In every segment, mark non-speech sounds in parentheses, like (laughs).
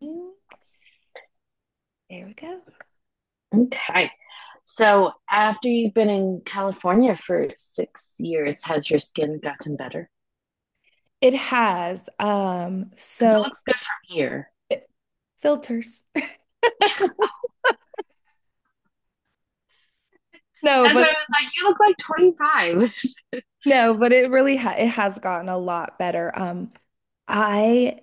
There we go. Okay. So after you've been in California for 6 years, has your skin gotten better? It has Because it so looks good from here. it- Filters. (laughs) (laughs) No, That's but why I was like, you look like 25. no, but it really ha it has gotten a lot better. I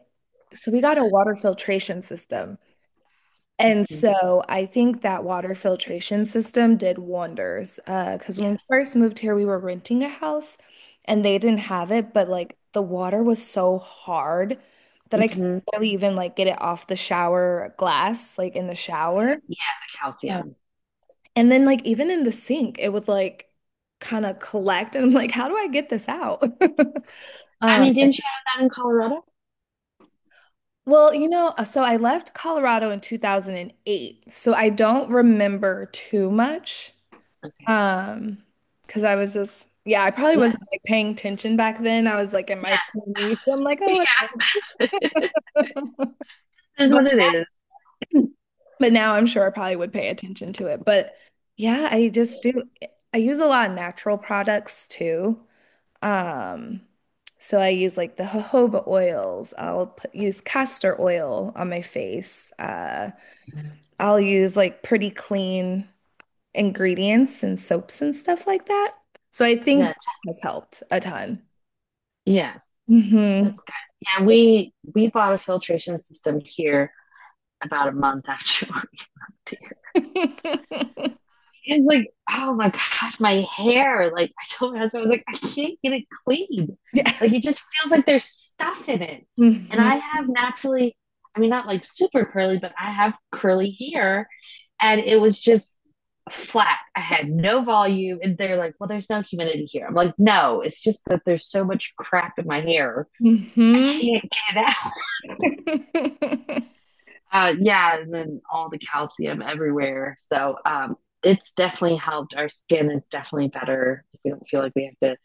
So we got a water filtration system. (laughs) And Mhm. so I think that water filtration system did wonders. Because when we Yes. first moved here, we were renting a house and they didn't have it, but like the water was so hard that I could Mhm. barely even like get it off the shower glass, like in the shower. Yeah, the Yeah. calcium. And then like even in the sink, it would like kind of collect and I'm like, how do I get this out? (laughs) I Um, mean, didn't you have that in Colorado? well, so I left Colorado in 2008. So I don't remember too much. Okay. Um, because I was just, yeah, I probably Yeah, wasn't like paying attention back then. I was like in my yeah, 20s. I'm like, oh, yeah. whatever. (laughs) It is But what it is. but now I'm sure I probably would pay attention to it. But yeah, I just do I use a lot of natural products too. Um, so I use like the jojoba oils. I'll use castor oil on my face. I'll use like pretty clean ingredients and soaps and stuff like that. So I think Yeah, that has helped a ton. yeah. hmm That's good. Yeah, we bought a filtration system here about a month after (laughs) we moved here. (laughs) It's like, oh my gosh, my hair. Like I told my husband, I was like, I can't get it clean. Like Yes. it just feels like there's stuff in it. And hmm I have naturally, I mean, not like super curly, but I have curly hair. And it was just flat. I had no volume. And they're like, well, there's no humidity here. I'm like, no, it's just that there's so much crap in my hair. I hmm can't get it (laughs) yeah, and then all the calcium everywhere. So it's definitely helped. Our skin is definitely better. We don't feel like we have to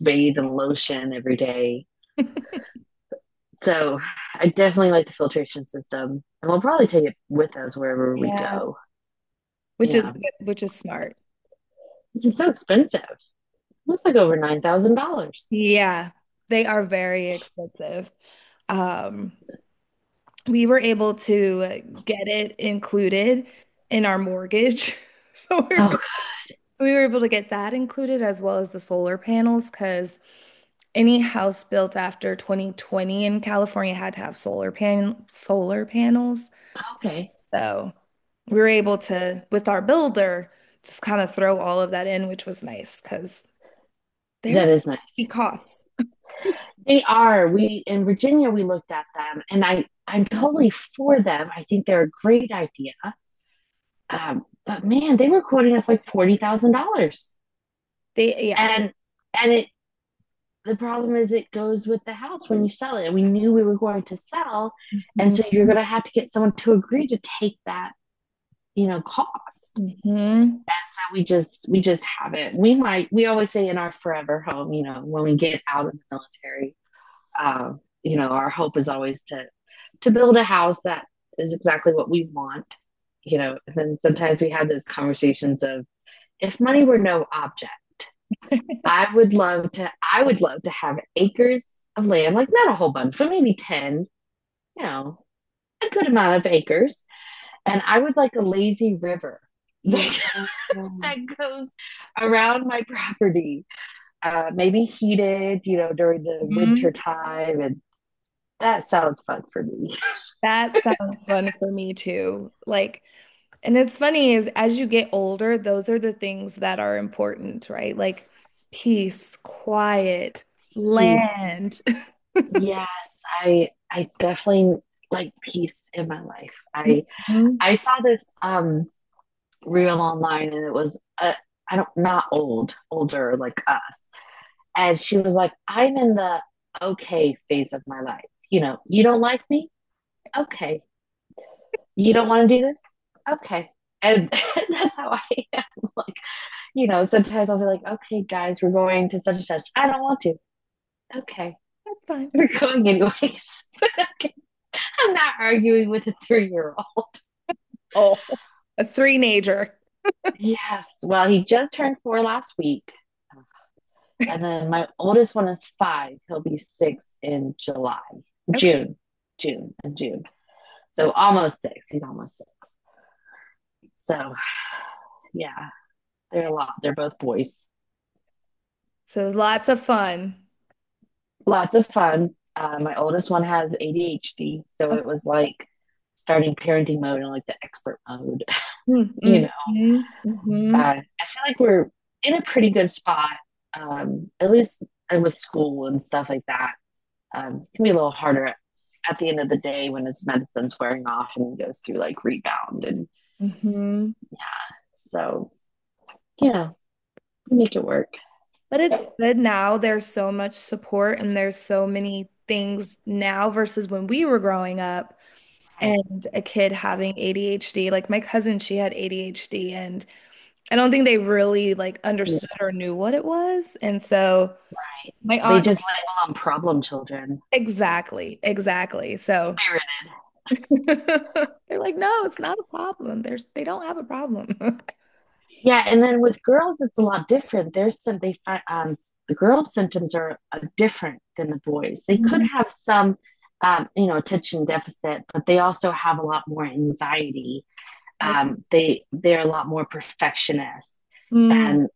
bathe in lotion every day. So I definitely like the filtration system, and we'll probably take it with us wherever we Yeah. go. Which is Yeah, good, which is smart. this is so expensive. It's like over $9,000. Yeah. They are very expensive. Um, We were able to get it included in our mortgage. (laughs) So we were, Oh, so we were able to get that included as well as the solar panels because any house built after 2020 in California had to have solar panels. okay, So we were able to, with our builder, just kind of throw all of that in, which was nice because there's that is nice. hefty costs. They are. We in Virginia we looked at them, and I'm totally for them. I think they're a great idea. But man, they were quoting us like $40,000, They, yeah. and and it the problem is it goes with the house when you sell it. We knew we were going to sell, and Mhm. so you're going to have to get someone to agree to take that cost. Mhm. And so we just haven't. We always say in our forever home, when we get out of the military, our hope is always to build a house that is exactly what we want. And then sometimes we have those conversations of if money were no object, I would love to have acres of land, like not a whole bunch, but maybe 10, you know, a good amount of acres. And I would like a lazy river (laughs) Yeah. that, that goes around my property, maybe heated, during the winter Mhm. time. And that sounds fun for me. That sounds fun for me too. Like, and it's funny is as you get older, those are the things that are important, right? Like peace, quiet, Peace. land. (laughs) Yes, I definitely like peace in my life. I Mhm. I saw this real online and it was I don't not old, older like us. And she was like, I'm in the okay phase of my life. You know, you don't like me? Okay. You don't want to do this? Okay. And (laughs) that's how I am. Like, sometimes I'll be like, okay, guys, we're going to such and such. I don't want to. Okay. (laughs) Fun. We're going anyways. (laughs) I'm not arguing with a 3-year old. Oh, a three-nager. Yes. Well, he just turned 4 last week. Um, And then my oldest one is 5. He'll be 6 in July, Okay. June, June, and June. So almost 6. He's almost 6. So yeah, they're a lot. They're both boys. So lots of fun. Lots of fun. My oldest one has ADHD, so it was like starting parenting mode and like the expert mode. (laughs) you Mm-hmm. know, I feel like we're in a pretty good spot, at least with school and stuff like that. Can be a little harder at the end of the day when his medicine's wearing off and he goes through like rebound. And hmm so, yeah, we make it work. But it's good now. There's so much support and there's so many things now versus when we were growing up Right. and a kid having ADHD. Like my cousin, she had ADHD and I don't think they really like Right. understood or knew what it was. And so my They aunt, just label them problem children. exactly, exactly. So Spirited. (laughs) they're like, no, it's not a problem. There's They don't have a problem. (laughs) Yeah, and then with girls, it's a lot different. There's some they find the girls' symptoms are different than the boys. They could Mm, have some, attention deficit, but they also have a lot more anxiety. okay. They're a lot more perfectionist, Mm, and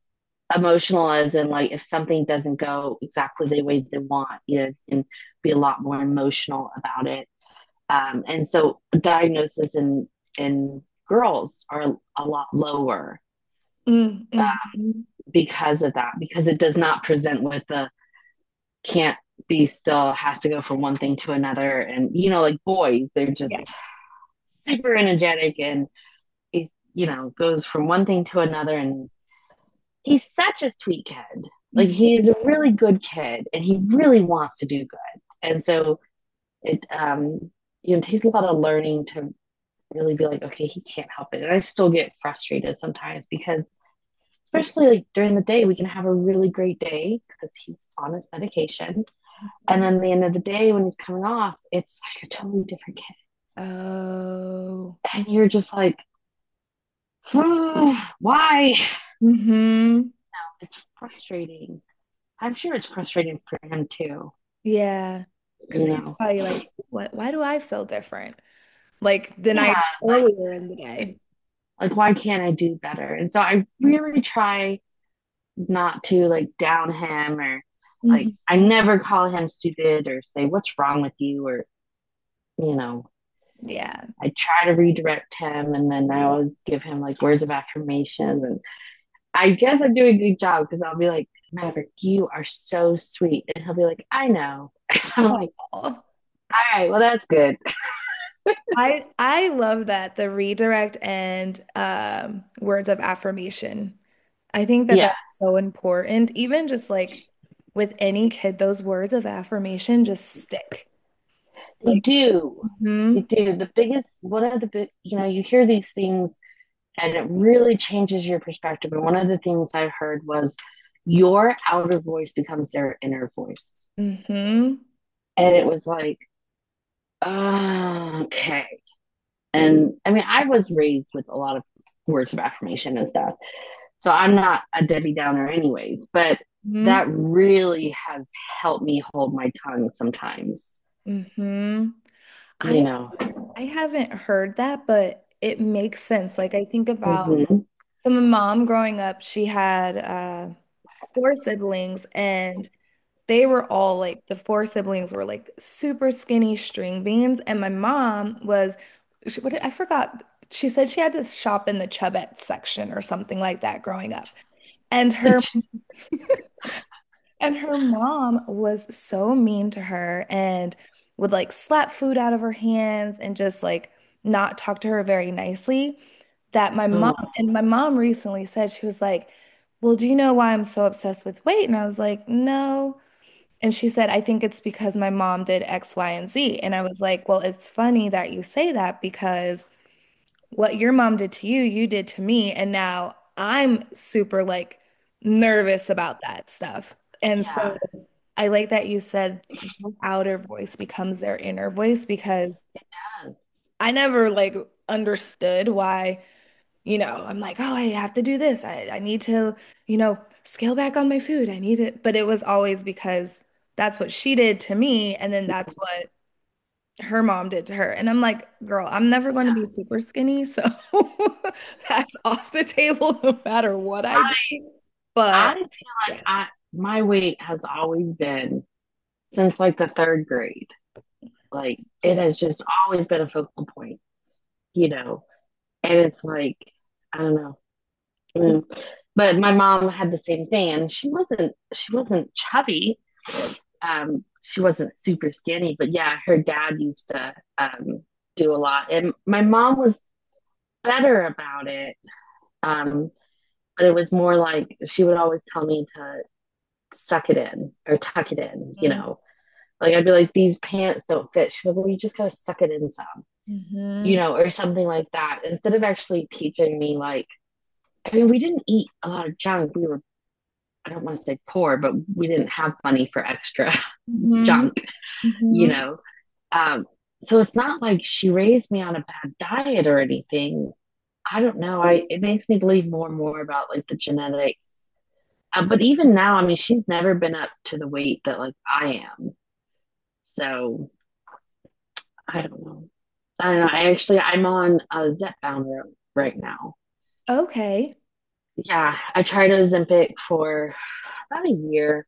emotional as in like if something doesn't go exactly the way they want and be a lot more emotional about it, and so diagnosis in in girls are a lot lower mm, mhm. because of that, because it does not present with the can't be still, has to go from one thing to another, and like boys, they're Yeah. just super energetic, and it goes from one thing to another, and he's such a sweet kid. Like he's a really good kid, and he really wants to do good. And so it, takes a lot of learning to really be like, okay, he can't help it. And I still get frustrated sometimes because, especially like during the day, we can have a really great day because he's on his medication, and Mhm. then at the end of the day when he's coming off, it's like a totally different kid, Oh, and you're just like, oh, why? mm-hmm. It's frustrating. I'm sure it's frustrating for him too, Yeah. Because you he's know probably like, what, why do I feel different? Like than yeah, I like earlier in the day. Why can't I do better? And so I really try not to like down him, or like I hmm never call him stupid or say what's wrong with you or, you know, Yeah. I try to redirect him, and then I always give him like words of affirmation, and I guess I'm doing a good job because I'll be like, Maverick, you are so sweet. And he'll be like, I know. (laughs) I'm like, Aw. all right, well that's good. I love that, the redirect and words of affirmation. I think that Yeah. that's so important. Even just like with any kid, those words of affirmation just stick. They Like, do. They mm-hmm, do. The biggest one of the big, you hear these things, and it really changes your perspective. And one of the things I heard was your outer voice becomes their inner voice. mm-hmm, And it was like, oh, okay. And I mean, I was raised with a lot of words of affirmation and stuff. So I'm not a Debbie Downer, anyways, but mm-hmm, that really has helped me hold my tongue sometimes, mm-hmm. you I know. I haven't heard that, but it makes sense. Like I think about Mm-hmm. so my mom growing up, she had four siblings and they were all like, the four siblings were like super skinny string beans, and my mom was I forgot. She said she had to shop in the Chubette section or something like that growing up. And her and her mom was so mean to her and would like slap food out of her hands and just like not talk to her very nicely that Oh, my mom recently said, she was like, "Well, do you know why I'm so obsessed with weight?" And I was like, "No." And she said, I think it's because my mom did X, Y, and Z. And I was like, well, it's funny that you say that because what your mom did to you, you did to me. And now I'm super like nervous about that stuff. And so yeah. I like that you said your outer voice becomes their inner voice because I never like understood why, you know, I'm like, oh, I have to do this. I need to, you know, scale back on my food. I need it. But it was always because that's what she did to me. And then that's what her mom did to her. And I'm like, girl, I'm never going to be super skinny. So (laughs) that's off the table no matter what I do. I, I But feel yeah, like my weight has always been since like the third grade. Like it too. has just always been a focal point, you know. And it's like I don't know. Mm. But my mom had the same thing, and she wasn't chubby. She wasn't super skinny, but yeah, her dad used to do a lot, and my mom was better about it. Um, but it was more like she would always tell me to suck it in or tuck it in, Mm-hmm. Like I'd be like, these pants don't fit. She's like, well, you just gotta suck it in some, you know, or something like that. Instead of actually teaching me, like, I mean, we didn't eat a lot of junk. We were, I don't want to say poor, but we didn't have money for extra (laughs) hmm junk, you hmm know. Um, so it's not like she raised me on a bad diet or anything. I don't know. I it makes me believe more and more about like the genetics. But even now, I mean, she's never been up to the weight that like I am. So I don't know. I don't know. I actually I'm on a Zepbound road right now. Okay. Yeah, I tried Ozempic for about a year,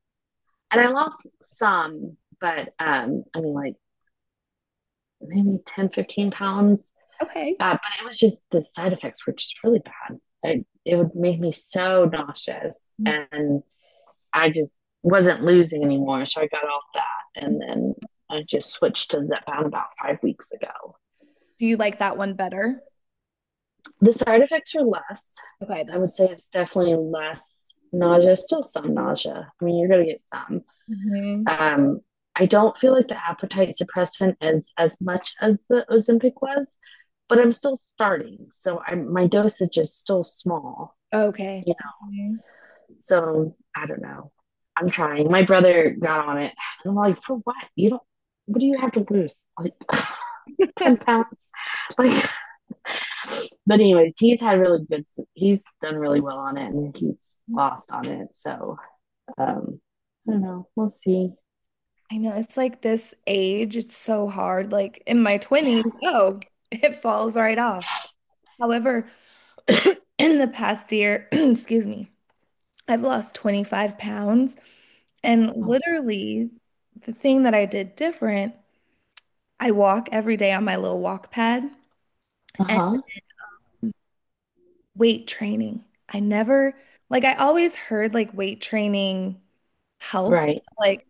and I lost some, but I mean like maybe 10, 15 pounds. Okay. But it was just the side effects were just really bad. It would make me so nauseous, Do and I just wasn't losing anymore. So I got off that, and then I just switched to Zepbound about 5 weeks ago. you like that one better? The side effects are less. Okay, I would that's. say it's definitely less nausea, still some nausea. I mean, you're going to get some. hmm Um, I don't feel like the appetite suppressant is as much as the Ozempic was, but I'm still starting. So my dosage is still small, Okay. you Mhm. So I don't know. I'm trying. My brother got on it. And I'm like, for what? You don't, what do you have to lose? Like (laughs) 10 pounds? Like, but anyways, he's had really good. He's done really well on it, and he's (laughs) lost on it. So um, I don't know. We'll see. I know, it's like this age, it's so hard. Like in my Yeah. 20s, oh, (laughs) it falls right off. However, (clears throat) in the past year, (clears throat) excuse me, I've lost 25 pounds. And Wow. literally, the thing that I did different, I walk every day on my little walk pad Uh and huh. weight training. I never, like, I always heard like weight training helps. Right. Like,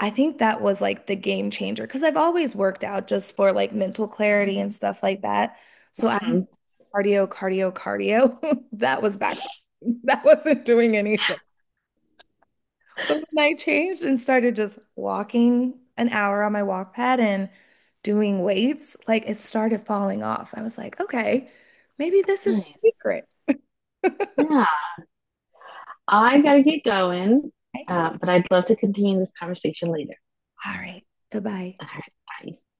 I think that was like the game changer because I've always worked out just for like mental clarity and stuff like that. So I was Mhm. cardio, cardio, cardio. (laughs) That was backfiring. (laughs) That wasn't doing anything. But when I changed and started just walking an hour on my walk pad and doing weights, like it started falling off. I was like, okay, maybe this is the Nice. secret. Yeah. I gotta get going, Okay. But I'd love to continue this conversation later. All right. Goodbye. All right. Bye.